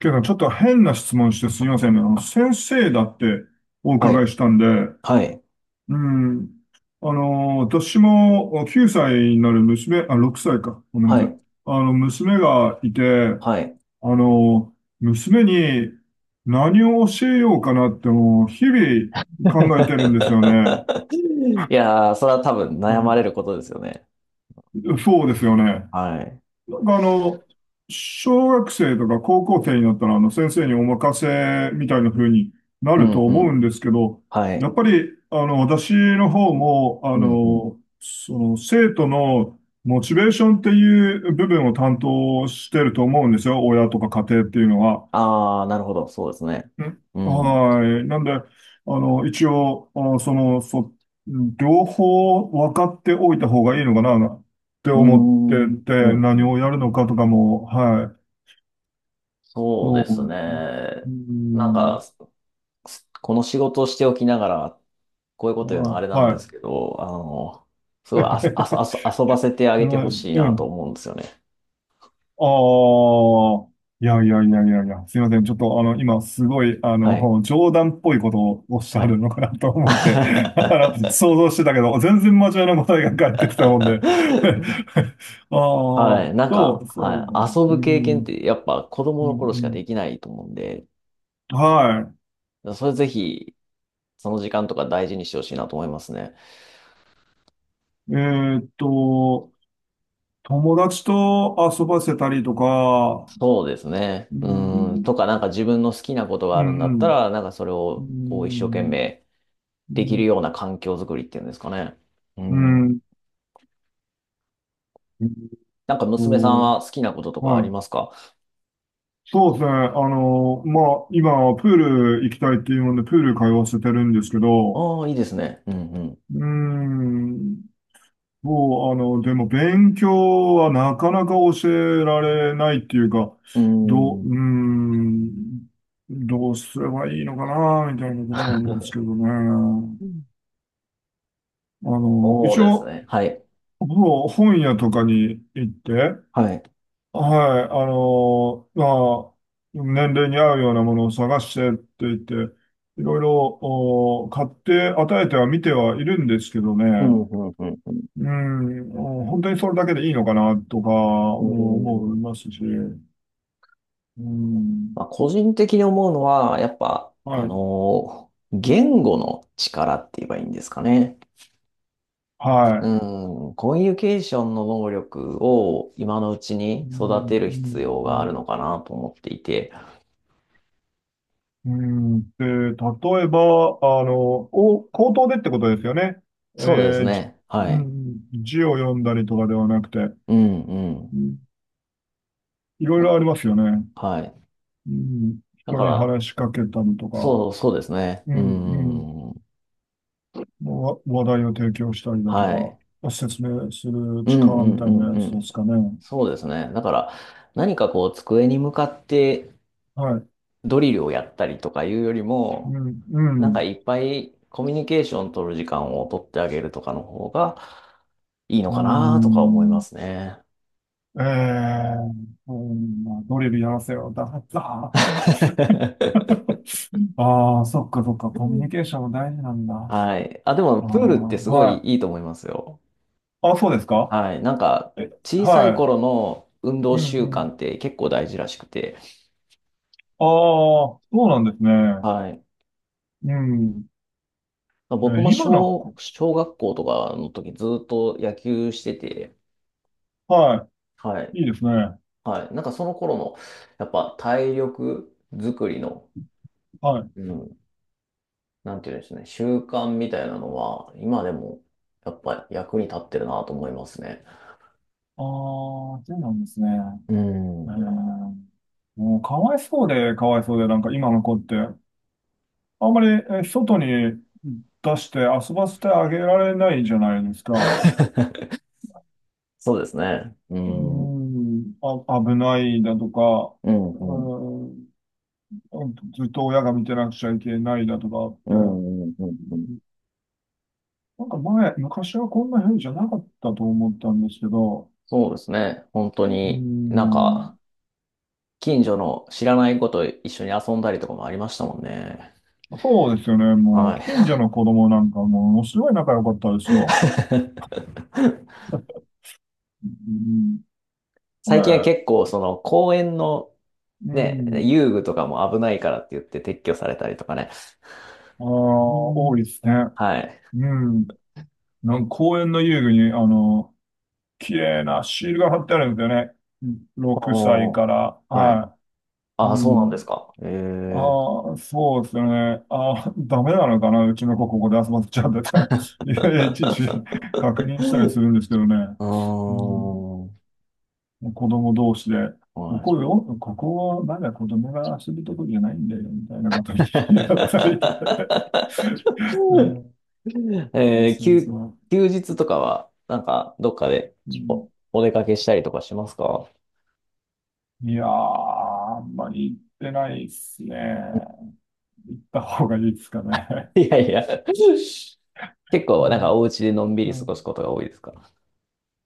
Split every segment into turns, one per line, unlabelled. けど、ちょっと変な質問してすみませんね。先生だってお
は
伺
い、
いしたんで、
はい、
うん。私も9歳になる娘、あ、6歳か。ごめん
は
なさい。
い、
娘がいて、
はい。
あの、娘に何を教えようかなってもう日々考えてるんですよね。
いやー、それは多分
う
悩まれ
ん、
ることですよね。
そうですよね。な
はい。
んかあの、小学生とか高校生になったら、先生にお任せみたいな風にな
う
る
ん、
と
う
思う
ん。
んですけど、
は
や
い。
っぱり、私の方も、
うん、うん。
生徒のモチベーションっていう部分を担当してると思うんですよ。親とか家庭っていうのは。
あー、なるほど。そうですね。
うん、
うん。う
はい。なんで、一応、両方分かっておいた方がいいのかなって
ー
思って
ん、うん、う
て、何を
ん。
やるのかとかも、はい。
そう
そ
ですね。
う。う
なん
ん。
か、この仕事をしておきながら、こういうこと言うのは
は
あれ
い。
なんで
は
すけ
い。
ど、すごいあそ、あそ、あそ、遊ばせてあげて
は
ほしい
い、う
なと
ん。
思うんですよね。
ああ、いやいやいやいやいや、すいません。ちょっと今すごい、
はい。
冗談っぽいことをおっし
は
ゃ
い。
るのかなと思って、想像してたけど、全然真面目な答えが返ってきたもんで。あ
は
あ、
い。なん
そ
か、
う、そうね。
はい。遊
う
ぶ経験っ
ん、
てやっぱ子
う
供の頃しか
ん、
できないと思うんで、
うん。は
それぜひ、その時間とか大事にしてほしいなと思いますね。
い。えーっと、友達と遊ばせたりとか、
そうですね。
う
うん。
ん、
とか、なんか自分の好きなことがあ
う
るんだった
ん、
ら、なんかそれ
う
をこう一生懸
ん、
命
う
できる
ん、
ような環境づくりっていうんですかね。う
うん、う
ん。
ん、えーっ
なんか娘さんは好
と、
きなこととかあ
は
り
い、
ますか？
そうですね。今、プール行きたいっていうもんで、プール通わせてるんですけ
あ
ど、
あー、いいですね。うんうん。
うーん、もう、でも、勉強はなかなか教えられないっていうか、
う
どう、
ん。
うーん、どうすればいいのかな、みたいなところなんですけどね。
うんそ
一
うです
応、
ね。はい。
ほぼ本屋とかに行って、
はい。
はい、年齢に合うようなものを探してって言って、いろいろお買って与えては見てはいるんですけど
う
ね、
ん、うん、うん、うん。
うん、お本当にそれだけでいいのかなとか
う
も思い
ん
ますし、うん、
まあ、個人的に思うのは、やっぱ、
はい、
言語の力って言えばいいんですかね。
はい。
うん、コミュニケーションの能力を今のうち
う
に育
ん
てる必要
う
がある
ん
のかなと思っていて。
うんで、例えば、お、口頭でってことですよね。
そうです
えーじ、
ね。は
う
い。
ん、字を読んだりとかではなくて、
うん、う
う
ん。
ん、いろい
な
ろありますよね。
はい。
うん、
だ
人
か
に
ら、
話しかけたりとか、
そう、そうですね。
うん、
う
うん、
ん、
わ話題を提供したりだと
は
か、
い。
説明する
うん、う
力み
ん、
た
う
い
ん、
なや
う
つで
ん。
すかね。
そうですね。だから、何かこう、机に向かって
はい。
ドリルをやったりとかいうより
う
も、
ん、う
なんか
ん、
いっぱいコミュニケーション取る時間を取ってあげるとかの方がいいの
う
かなとか思いま
ん。
すね。
ええー、うん、まあ、ドリルやらせよ。だった。ああ、そっかそっか。
う
コミュニケー
ん。
ションも大事なんだ。あ
はい。あ、でも、
あ、
プールってすごい
はい。
いいと思いますよ。
あ、そうですか。
はい。なんか、
え、
小さい
は
頃の運
い。
動
うん、
習
う
慣
ん。
って結構大事らしくて。
ああ、そうなんですね。
はい。
うん。え
僕
ー
も
今の
小、
こ、
小学校とかの時ずっと野球してて。
は
はい。
い。いいですね。
はい。なんかその頃の、やっぱ体力作りの、
はい。
う
あ
んなんていうんですね、習慣みたいなのは、今でも、やっぱり役に立ってるなと思いますね。
あ、そうなんですね。
う
え
ん。
ー、もうかわいそうで、かわいそうで、なんか今の子って、あんまり外に出して遊ばせてあげられないじゃないですか。
そうですね。う
うー
ん。うん、
ん、あ、危ないだとか、
う
う
ん。
ーん、ずっと親が見てなくちゃいけないだとかっ
う
て、
ん、うん、うん。うん
なんか前、昔はこんな風じゃなかったと思ったんですけど、
そうですね。本当
うー
に、なんか、
ん、
近所の知らない子と一緒に遊んだりとかもありましたもんね。
そうですよね。も
は
う、
い。
近所の子供なんかものすごい仲良かったですよ。うん。こ
最近は
れ、
結構、その、公園の、
う
ね、
ん。
遊具とかも危ないからって言って撤去されたりとかね。
ああ、多いですね。
はい。
うん。なんか公園の遊具に、綺麗なシールが貼ってあるんですよね。うん、6歳
おー。
から。
はい。
はい。
ああ、
う
そうなんです
ん。
か。ええ
ああ、そうですよね。ああ、ダメなのかな。うちの子ここで遊ばせちゃうんだったり いやいや、いちいち確認したりするんですけどね。
あー、
うん。
は
子供同士で、こ
い。
こよ、ここはまだ子供が遊ぶとこじゃないんだよ、みたいなこと言い合ったり。うん、
えー
そう
休、
そう。
休日とかは、なんか、どっかで
う
お、
ん、
お出かけしたりとかしますか？
いやー、あんまり行ってないっすね。行った方がいいですか ね。
いやいや。結
う
構、なんか、
ん、
お家でのんびり
う
過ごす
ん、
ことが多いですか？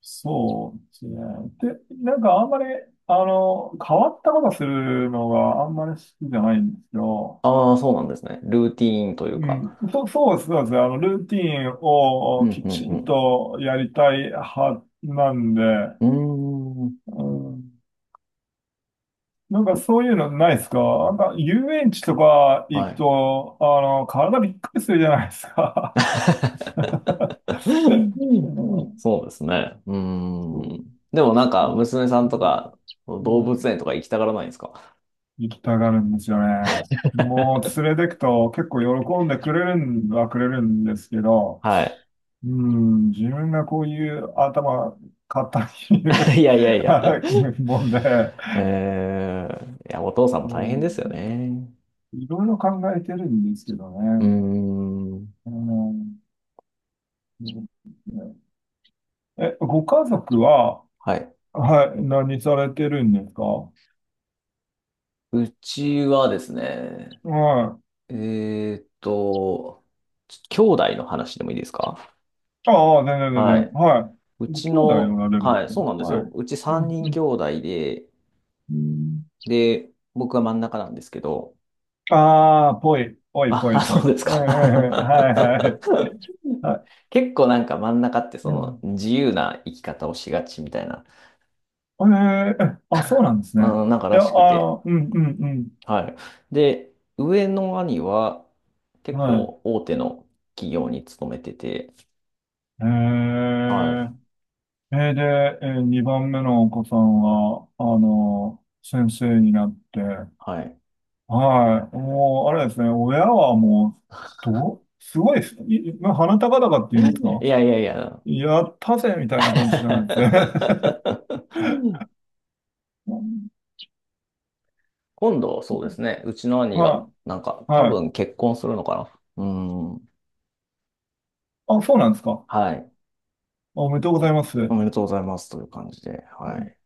そうですね。で、なんかあんまり、変わったことするのがあんまり好きじゃないんですよ。
ああー、そうなんですね。ルーティーンという
う
か。
ん、そ、そうです、そうです。ルーティン
うん、
をき
う
ちん
ん、
とやりたい派なんで、
うん。うーん、
うん、なんかそういうのないですか。なんか遊園地とか行
は
く
い。
と、体びっくりするじゃないですか。うん、
そうですね。うー
そ
ん。でもなん
う、
か、
まう
娘さんと
ん
か、
う
動物
ん
園とか行きたがらないんですか？
行きたがるんですよね。も う連れてくと結構喜んでくれるんはくれるんですけど、
はい。
うん、自分がこういう頭、硬い
いやいやいや。
もんで、
いや、お父さんも
う
大変ですよ
ん、
ね。
いろいろ考えてるんですけどね。
うーん。
うん、え、ご家族は、
はい。
はい、何されてるんですか。は
うちはですね、
い。
えーっと、兄弟の話でもいいですか？
ああ、全然全
は
然。
い。
は
う
い。ご
ち
兄弟お
の、
られるん
は
で
い、
すね。
そうなんです
はい。
よ。うち
う
3
ん、う
人
ん、
兄弟で、
うん。
で、僕は真ん中なんですけど、
ああ、ぽい、ぽい、
あ、
ぽ
あ
い、ぽ
そ
い。
うです
ええ、ええ、
か。
はい、はい、は
結構なんか真ん中ってそ
い。
の自由な生き方をしがちみたいな
ええ、え、あ、そうなんですね。
うん、なんか
い
ら
や、
しくて。
うん、うん、
はい。で、上の兄は
うん。
結
は
構
い。
大手の企業に勤めてて、
ええ、
はい。
えーで、えー、2番目のお子さんは、先生になって、
はい。
はい。もう、あれですね、親はもう、すごいですね、まあ鼻高々っていうんです
い
か、
やいやいや。
やったぜみたいな感じじゃないですね。
今度、そうですね。うちの兄が、
は
なんか、
い。
多
はい。
分結婚するのかな。うん。
あ、そうなんですか。
はい。
おめでとうございます。
お
う
めでとうございますという感じで。は
ん、
い。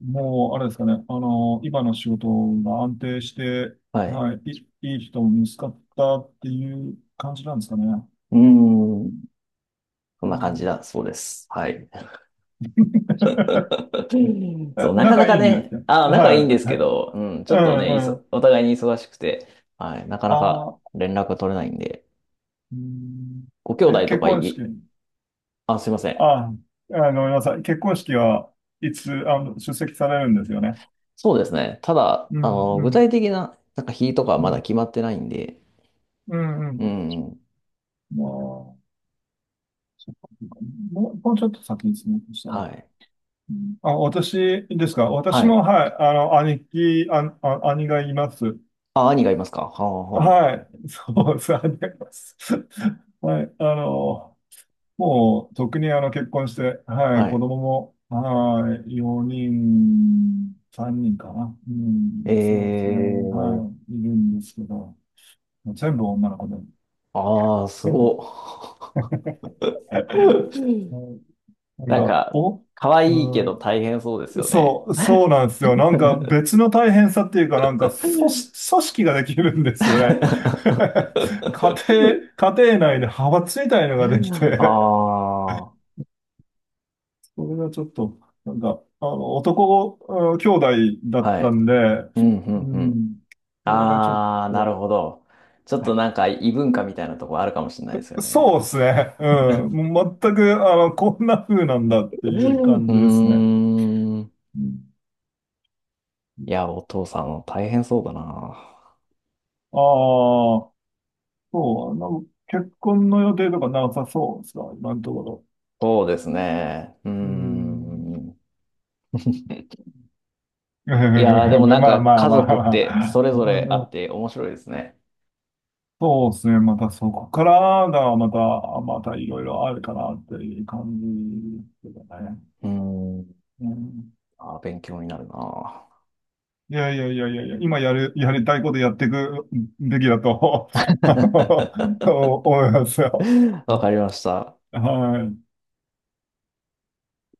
もう、あれですかね。今の仕事が安定して、
はい。
はい、いい人も見つかったっていう感じなんですかね。
うん。そん
う
な感じ
ん。
だ。そうです。はい。そう、なかな
仲
か
いいんです
ね、
ね。
あ、仲いいんで
は
す
い。は
け
い、
ど、うん、ち
う
ょっとね、
ん、うん。
お互いに忙しくて、はい、なかなか
あー、
連絡が取れないんで、
うん、
ご兄
え、
弟と
結
か
婚式。
あ、すいません。
あー、ごめんなさい。結婚式はいつ、出席されるんですよね。
そうですね。ただ、
うん、う
具
ん、
体的な、なんか日とかは
う
まだ
ん、
決まってないんで、
うん、う
う
ん。
ん、
まあ、そっかそっか、もう、もうちょっと先ですね。そした
は
ら。
い、
あ、私ですか。私
はい。
も、はい、あの、兄貴、あ、あ、兄がいます。
あ、兄がいますか。はあ、は
はい。そう、兄がいます。はい、もう、特に結婚して、は
あ、
い、
は
子
い。
供も、はい、4人、3人かな。う
え
ん、そうですね。
ー、
はい、いるんですけど、全部女の子で。
ああ、す
う
ご
ん、
っ。うん
なん
なん
か、
か、
お、
可愛いけ
う
ど大変そうです
ん、
よね。
そう、そうなんですよ。なんか別の大変さっていうか、なんか組織ができるんですよね。家庭内で派閥みたいの
あ
ができて、
あ、
それがちょっと、なんか、男、うん、兄弟だっ
は
た
い。
んで、
うん、う
う
ん、うん。
ん、それがちょっ
ああ、なる
と、
ほど。ちょっとなんか異文化みたいなとこあるかもしれないですよ
そ
ね。
うですね。うん。もう全く、こんな風なんだって
う
いう
ん。う
感じですね。
ーん。
うん、
いや、お父さん大変そうだな。
ああ、そう、なんか結婚の予定とかなさそうですか、今のところ。
そうですね。うー
うん。
ん。いやー、でもなん
ま
か
あまあ
家
ま
族
あ
っ
ま
てそ
あ。
れ
う
ぞれあ
ん、う
っ
ん、
て面白いですね。
そうですね。またそこからがまた、またいろいろあるかなっていう感じですけどね。
うーん。
うん、
あー、勉強になるな。
いやいやいやいやいや、今やる、やりたいことやっていくべきだと 思いますよ。
わかりました。
はい。